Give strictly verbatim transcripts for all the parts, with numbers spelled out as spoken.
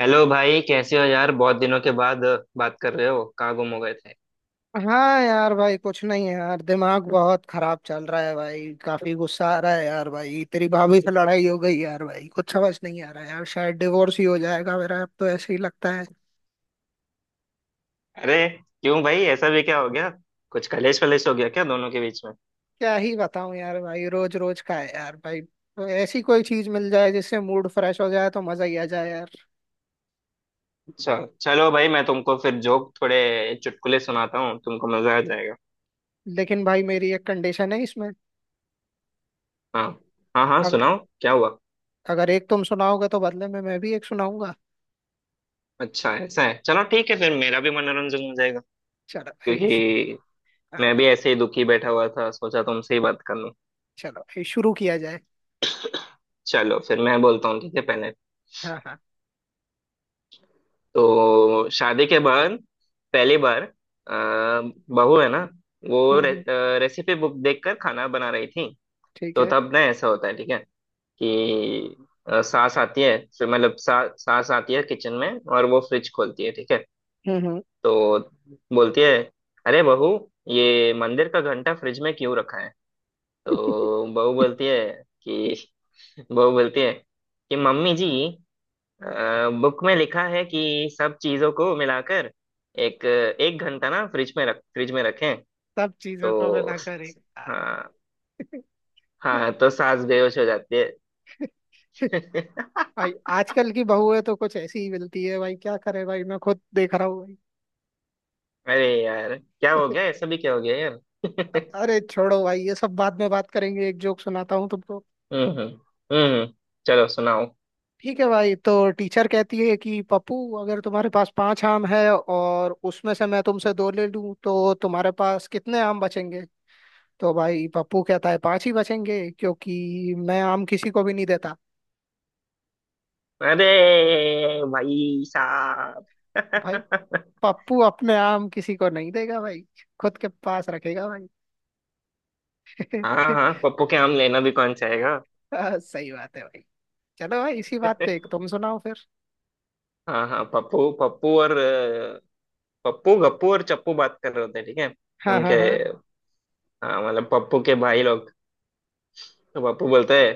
Hello भाई, कैसे हो यार? बहुत दिनों के बाद बात कर रहे हो, कहाँ गुम हो गए थे? हाँ यार, भाई कुछ नहीं है यार। दिमाग बहुत खराब चल रहा है भाई। काफी गुस्सा आ रहा है यार। भाई तेरी भाभी से लड़ाई हो गई यार। भाई कुछ समझ नहीं आ रहा है यार। शायद डिवोर्स ही हो जाएगा मेरा, अब तो ऐसे ही लगता है। अरे क्यों भाई, ऐसा भी क्या हो गया? कुछ कलेश वलेश हो गया क्या दोनों के बीच में? क्या ही बताऊं यार भाई, रोज रोज का है यार भाई। तो ऐसी कोई चीज मिल जाए जिससे मूड फ्रेश हो जाए तो मजा ही आ जाए यार। अच्छा, चलो भाई मैं तुमको फिर जोक थोड़े चुटकुले सुनाता हूँ, तुमको मजा आ जाएगा। लेकिन भाई मेरी एक कंडीशन है इसमें। हाँ हाँ हाँ, अग, सुनाओ क्या हुआ। अगर एक तुम सुनाओगे तो बदले में मैं भी एक सुनाऊंगा। अच्छा, ऐसा है, चलो ठीक है, फिर मेरा भी मनोरंजन हो जाएगा। चलो भाई श- क्योंकि मैं हाँ, भी ऐसे ही दुखी बैठा हुआ था, सोचा तुमसे ही बात कर लूँ। चलो भाई शुरू किया जाए। चलो फिर मैं बोलता हूँ, ठीक है पहले। हाँ हाँ। तो शादी के बाद पहली बार अ, बहू है ना, वो हम्म रे, हम्म, अ, रेसिपी बुक देखकर खाना बना रही थी। ठीक तो है। तब ना ऐसा होता है, ठीक है, कि अ, सास आती है, फिर मतलब सा, सास आती है किचन में और वो फ्रिज खोलती है, ठीक है। हम्म हम्म। तो बोलती है, अरे बहू, ये मंदिर का घंटा फ्रिज में क्यों रखा है? तो बहू बोलती है कि बहू बोलती है कि मम्मी जी, बुक में लिखा है कि सब चीजों को मिलाकर एक एक घंटा ना फ्रिज में रख फ्रिज में रखें। सब चीजों को तो मिलाकर एक हाँ। हाँ हाँ, तो सांस बेहोश हो जाती है। भाई आजकल की बहुएं तो कुछ ऐसी ही मिलती है भाई, क्या करे भाई, मैं खुद देख रहा हूँ। अरे यार, क्या हो भाई गया, ऐसा भी क्या हो गया यार। अ- अरे छोड़ो भाई, ये सब बाद में बात करेंगे। एक जोक सुनाता हूँ तुमको। हम्म हम्म हम्म, चलो सुनाओ। ठीक है भाई, तो टीचर कहती है कि पप्पू, अगर तुम्हारे पास पांच आम है और उसमें से मैं तुमसे दो ले लूं तो तुम्हारे पास कितने आम बचेंगे? तो भाई पप्पू कहता है पांच ही बचेंगे क्योंकि मैं आम किसी को भी नहीं देता। अरे भाई साहब। भाई पप्पू अपने आम किसी को नहीं देगा भाई, खुद के पास रखेगा भाई। हाँ हाँ, पप्पू के आम लेना भी कौन चाहेगा। हाँ, सही बात है भाई। चलो भाई इसी बात पे एक तुम सुनाओ फिर। हाँ हाँ, पप्पू पप्पू और अ, पप्पू गप्पू और चप्पू बात कर रहे होते हैं, ठीक है। हाँ उनके हाँ हाँ। हाँ मतलब, पप्पू के भाई लोग। तो पप्पू बोलते हैं,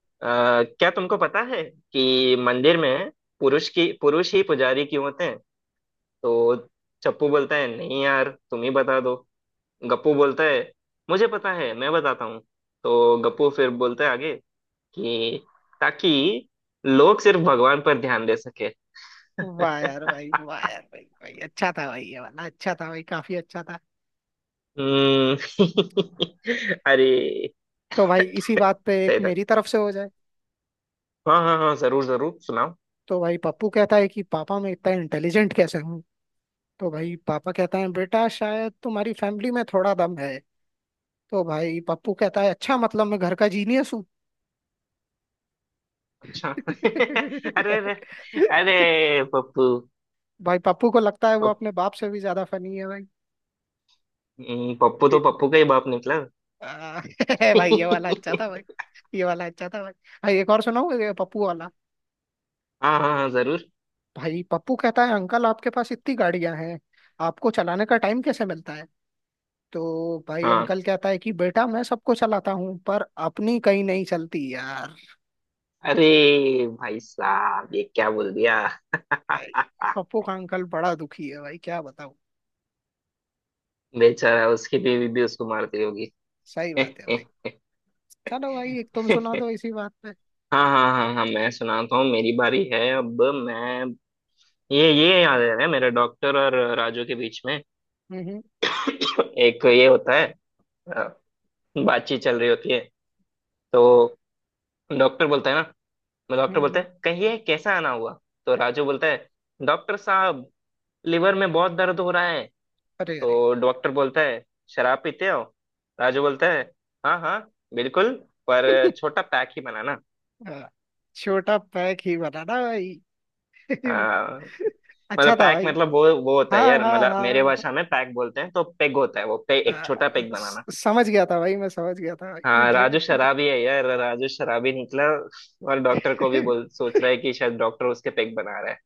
"अ, क्या तुमको पता है कि मंदिर में पुरुष की पुरुष ही पुजारी क्यों होते हैं? तो चप्पू बोलता है, नहीं यार तुम ही बता दो। गप्पू बोलता है, मुझे पता है, मैं बताता हूँ। तो गप्पू फिर बोलता है आगे, कि ताकि लोग सिर्फ भगवान पर ध्यान दे सके। वाह यार भाई, वाह यार भाई, भाई अच्छा था भाई, ये वाला अच्छा था भाई, काफी अच्छा था। हम्म। अरे। तो भाई इसी बात पे एक सही था। मेरी तरफ से हो जाए। हाँ हाँ हाँ, जरूर जरूर सुनाओ। तो भाई पप्पू कहता है कि पापा, मैं इतना इंटेलिजेंट कैसे हूँ? तो भाई पापा कहता है बेटा, शायद तुम्हारी फैमिली में थोड़ा दम है। तो भाई पप्पू कहता है अच्छा, मतलब मैं घर का जीनियस हूँ। अच्छा। अरे अरे अरे पप्पू भाई पप्पू को लगता है वो पप- अपने बाप से भी ज्यादा फनी है भाई। हम्म, पप्पू इ- तो पप्पू का ही बाप निकला। आ, भाई ये वाला अच्छा था भाई, ये वाला अच्छा था भाई, भाई एक और सुनाओ ये पप्पू वाला। हाँ हाँ हाँ, जरूर। भाई पप्पू कहता है अंकल आपके पास इतनी गाड़ियां हैं, आपको चलाने का टाइम कैसे मिलता है? तो भाई हाँ, अंकल कहता है कि बेटा, मैं सबको चलाता हूँ पर अपनी कहीं नहीं चलती यार। अरे भाई साहब, ये क्या बोल दिया। भाई पप्पू का अंकल बड़ा दुखी है भाई, क्या बताऊँ। बेचारा, उसकी बीवी भी उसको मारती होगी। सही बात है भाई। चलो भाई एक तुम सुना दो इसी बात पे। हाँ हाँ हाँ हाँ, मैं सुनाता हूँ, मेरी बारी है अब मैं। ये ये याद है ना, मेरे डॉक्टर और राजू के बीच में हम्म हम्म एक ये होता है, अ, बातचीत चल रही होती है। तो डॉक्टर बोलता है ना मैं हम्म डॉक्टर बोलता हम्म। है, कहिए कैसा आना हुआ? तो राजू बोलता है, डॉक्टर साहब लिवर में बहुत दर्द हो रहा है। अरे अरे। तो डॉक्टर बोलता है, शराब पीते हो? राजू बोलता है, हाँ हाँ बिल्कुल, पर छोटा पैक ही बनाना। हाँ, छोटा पैक ही बनाना भाई। हाँ, मतलब अच्छा था पैक, भाई। मतलब वो वो होता है हाँ यार, हाँ मतलब मेरे हाँ भाषा में पैक बोलते हैं तो पेग होता है, वो पे एक छोटा हाँ, पेग स- बनाना। समझ गया था भाई, मैं समझ गया था। भाई हाँ, राजू ड्रे- शराबी है यार, राजू शराबी निकला। और डॉक्टर को भी ड्रे- बोल सोच रहा है कि शायद डॉक्टर उसके पेग बना रहा है।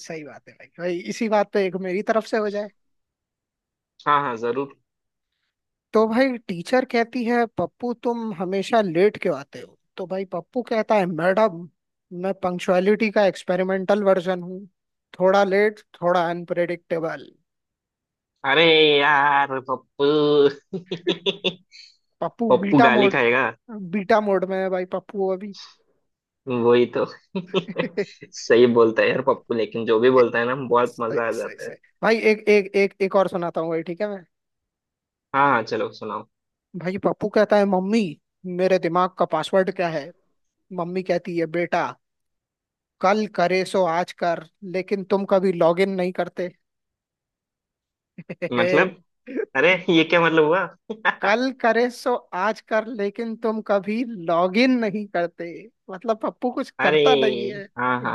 सही बात है भाई, भाई इसी बात पे एक मेरी तरफ से हो जाए। हाँ हाँ, जरूर। तो भाई टीचर कहती है पप्पू तुम हमेशा लेट क्यों आते हो? तो भाई पप्पू कहता है मैडम, मैं पंक्चुअलिटी का एक्सपेरिमेंटल वर्जन हूँ, थोड़ा लेट थोड़ा अनप्रेडिक्टेबल। अरे यार पप्पू। पप्पू पप्पू बीटा गाली मोड, खाएगा। बीटा मोड में है भाई पप्पू अभी। वही तो। सही बोलता है यार पप्पू, लेकिन जो भी बोलता है ना, बहुत मजा आ सही सही जाता है। सही। भाई एक एक एक एक और सुनाता हूँ भाई, ठीक है मैं। हाँ हाँ, चलो सुनाओ। भाई पप्पू कहता है मम्मी, मेरे दिमाग का पासवर्ड क्या है? मम्मी कहती है बेटा, कल करे सो आज कर लेकिन तुम कभी लॉगिन नहीं करते। मतलब, अरे ये क्या मतलब हुआ? कल करे सो आज कर लेकिन तुम कभी लॉगिन नहीं करते, मतलब पप्पू कुछ अरे करता नहीं है। हाँ हाँ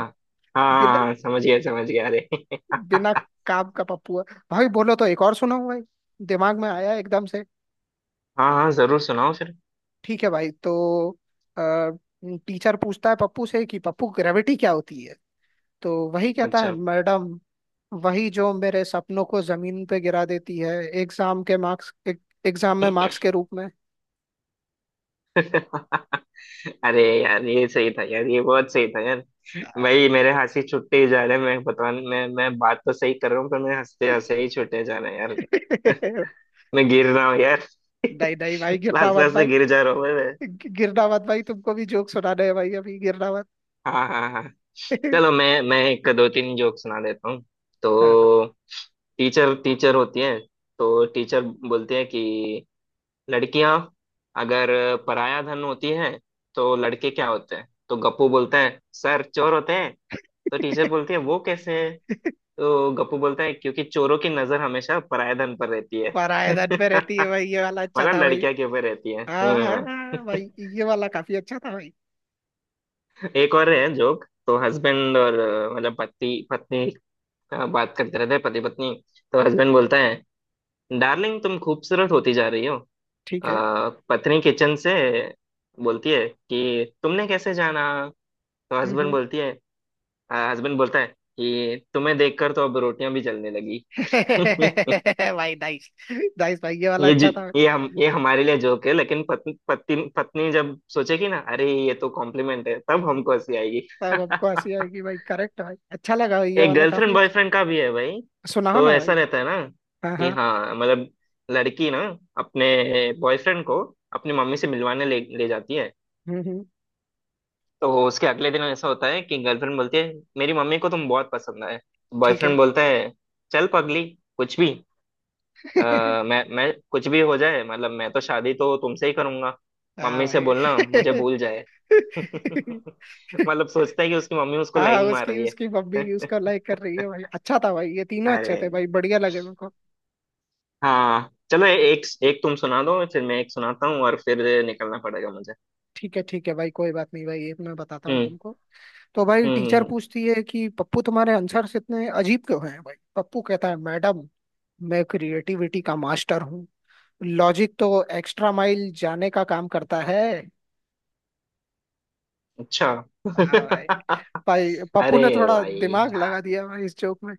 हाँ बिना हाँ हाँ, समझ गया समझ गया, अरे। बिना काम का पप्पू है। भाई बोलो तो एक और सुनाऊं भाई, दिमाग में आया एकदम से। हाँ हाँ, जरूर सुनाओ फिर। ठीक है भाई, तो टीचर पूछता है पप्पू से कि पप्पू ग्रेविटी क्या होती है? तो वही कहता है अच्छा। मैडम, वही जो मेरे सपनों को जमीन पे गिरा देती है, एग्जाम के मार्क्स, एग्जाम में मार्क्स के रूप में। अरे यार ये सही था यार, ये बहुत सही था यार। भाई मेरे हंसी छुट्टे ही जा रहे हैं, मैं बता मैं मैं बात तो सही कर रहा हूँ, पर मेरे हंसते हंसते ही छुट्टे जा रहे हैं यार। मैं गिर रहा हूँ यार। नहीं नहीं भाई हंसते गिरना मत हंसते भाई, गिर जा रहा हूँ मैं। गि- गिरना मत भाई, तुमको भी जोक सुनाने है भाई, अभी गिरना मत। हाँ हाँ हाँ, चलो मैं मैं एक दो तीन जोक सुना देता हूँ। हाँ हाँ। तो टीचर टीचर होती है, तो टीचर बोलती है कि लड़कियां अगर पराया धन होती है तो लड़के क्या होते हैं? तो गप्पू बोलता है, सर चोर होते हैं। तो टीचर बोलती है, वो कैसे है? तो गप्पू बोलता है, क्योंकि चोरों की नजर हमेशा पराया धन पर रहती है। पराये धन पे रहती है भाई, ये वाला अच्छा मतलब था भाई। लड़कियां के ऊपर रहती है, हाँ हाँ हाँ। हाँ, भाई ये वाला काफी अच्छा था भाई। एक और है जोक, तो हस्बैंड और अ, मतलब पति पत्नी, अ, बात करते रहते हैं पति पत्नी। तो हस्बैंड बोलता है, डार्लिंग तुम खूबसूरत होती जा रही हो। अ, ठीक है। पत्नी किचन से बोलती है कि तुमने कैसे जाना? तो हम्म हस्बैंड हम्म। बोलती है हस्बैंड बोलता है कि तुम्हें देखकर तो अब रोटियां भी जलने लगी। भाई नाइस, नाइस भाई ये वाला ये जी अच्छा था भाई। ये हम ये हमारे लिए जोक है, लेकिन पत्नी पत्नी पत्नी जब सोचेगी ना, अरे ये तो कॉम्प्लीमेंट है, तब हमको हंसी आएगी। तब हमको हंसी आएगी भाई, करेक्ट भाई, अच्छा लगा भाई ये एक वाला गर्लफ्रेंड काफी अच्छा। बॉयफ्रेंड का भी है भाई। सुनाओ तो ना ऐसा भाई। रहता है ना हाँ कि, हाँ। हाँ मतलब लड़की ना अपने बॉयफ्रेंड को अपनी मम्मी से मिलवाने ले ले जाती है। हम्म हम्म। तो उसके अगले दिन ऐसा होता है कि गर्लफ्रेंड बोलती है, मेरी मम्मी को तुम बहुत पसंद आए। ठीक है। बॉयफ्रेंड बोलता है, चल पगली कुछ भी। अ, मैं मैं कुछ भी हो जाए मतलब मैं तो शादी तो तुमसे ही करूंगा, हाँ मम्मी से बोलना मुझे भाई। भूल जाए। मतलब सोचता है कि उसकी मम्मी उसको हाँ, लाइन मार उसकी रही उसकी मम्मी है। उसको लाइक कर रही है भाई, अच्छा था भाई, ये तीनों अच्छे अरे थे भाई, बढ़िया लगे मेरे को। हाँ, चलो ए- एक एक तुम सुना दो, फिर मैं एक सुनाता हूँ और फिर निकलना पड़ेगा मुझे। ठीक है ठीक है भाई, कोई बात नहीं भाई, एक मैं बताता हूँ हम्म तुमको। तो भाई हम्म हम्म, टीचर हम्म, पूछती है कि पप्पू तुम्हारे आंसर्स इतने अजीब क्यों हैं? भाई पप्पू कहता है मैडम, मैं क्रिएटिविटी का मास्टर हूँ। लॉजिक तो एक्स्ट्रा माइल जाने का काम करता है। अच्छा। हाँ भाई, भाई पप्पू अरे ने थोड़ा भाई, दिमाग यार लगा दिया भाई इस जोक में।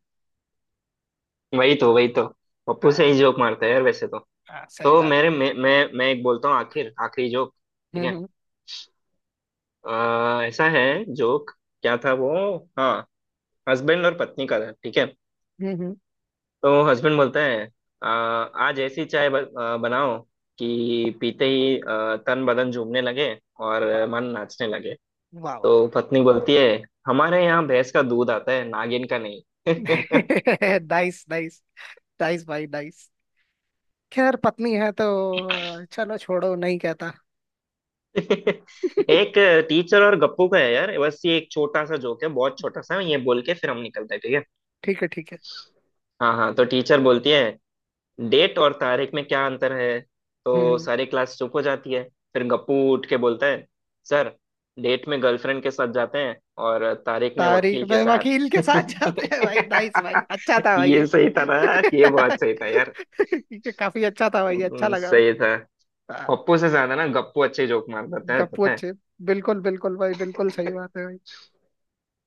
वही तो वही तो, पप्पू से हाँ ही जोक मारता है यार वैसे तो। हाँ सही तो बात मेरे मैं मैं मैं एक बोलता हूँ आखिर आखिरी जोक, है। ठीक है। हम्म अ, ऐसा है जोक, क्या था वो, हाँ हस्बैंड और पत्नी का था, ठीक है। हम्म, हम्म, हम्म, तो हस्बैंड बोलता है, "अ, आज ऐसी चाय ब, अ, बनाओ कि पीते ही अ, तन बदन झूमने लगे और वाह मन नाचने लगे। वाह वाह। तो पत्नी बोलती है, हमारे यहाँ भैंस का दूध आता है, नागिन का नहीं। नाइस नाइस, नाइस भाई नाइस। खैर पत्नी है तो चलो छोड़ो, नहीं कहता। एक टीचर और गप्पू का है यार, बस ये एक छोटा सा जोक है, बहुत छोटा सा, ये बोल के फिर हम निकलते हैं, ठीक है। ठीक है ठीक है। हाँ हाँ, तो टीचर बोलती है, डेट और तारीख में क्या अंतर है? हम्म तो हम्म। सारी क्लास चुप हो जाती है। फिर गप्पू उठ के बोलता है, सर डेट में गर्लफ्रेंड के साथ जाते हैं और तारीख में तारीख वकील के में साथ। वकील के साथ जाते हैं भाई, नाइस भाई, अच्छा था भाई ये ये। सही था ना, ये बहुत सही था यार। ये काफी अच्छा था भाई, अच्छा हम्म, लगा भाई। सही था। पप्पू से ज्यादा ना गप्पू अच्छे जोक मार देता है गप्पू पता है। अच्छे, बिल्कुल बिल्कुल भाई, बिल्कुल सही बात है भाई।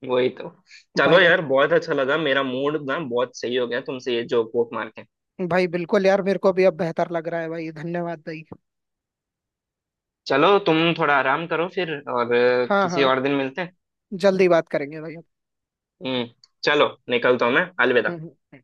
वही तो। चलो भाई अ- यार बहुत अच्छा लगा, मेरा मूड ना बहुत सही हो गया तुमसे ये जोक वोक मार के। भाई बिल्कुल यार, मेरे को भी अब बेहतर लग रहा है भाई, धन्यवाद भाई। चलो तुम थोड़ा आराम करो फिर और अ, हाँ किसी हाँ, और दिन मिलते हैं। जल्दी बात करेंगे भाई अब। हम्म चलो निकलता हूँ मैं। हम्म अलविदा। हम्म।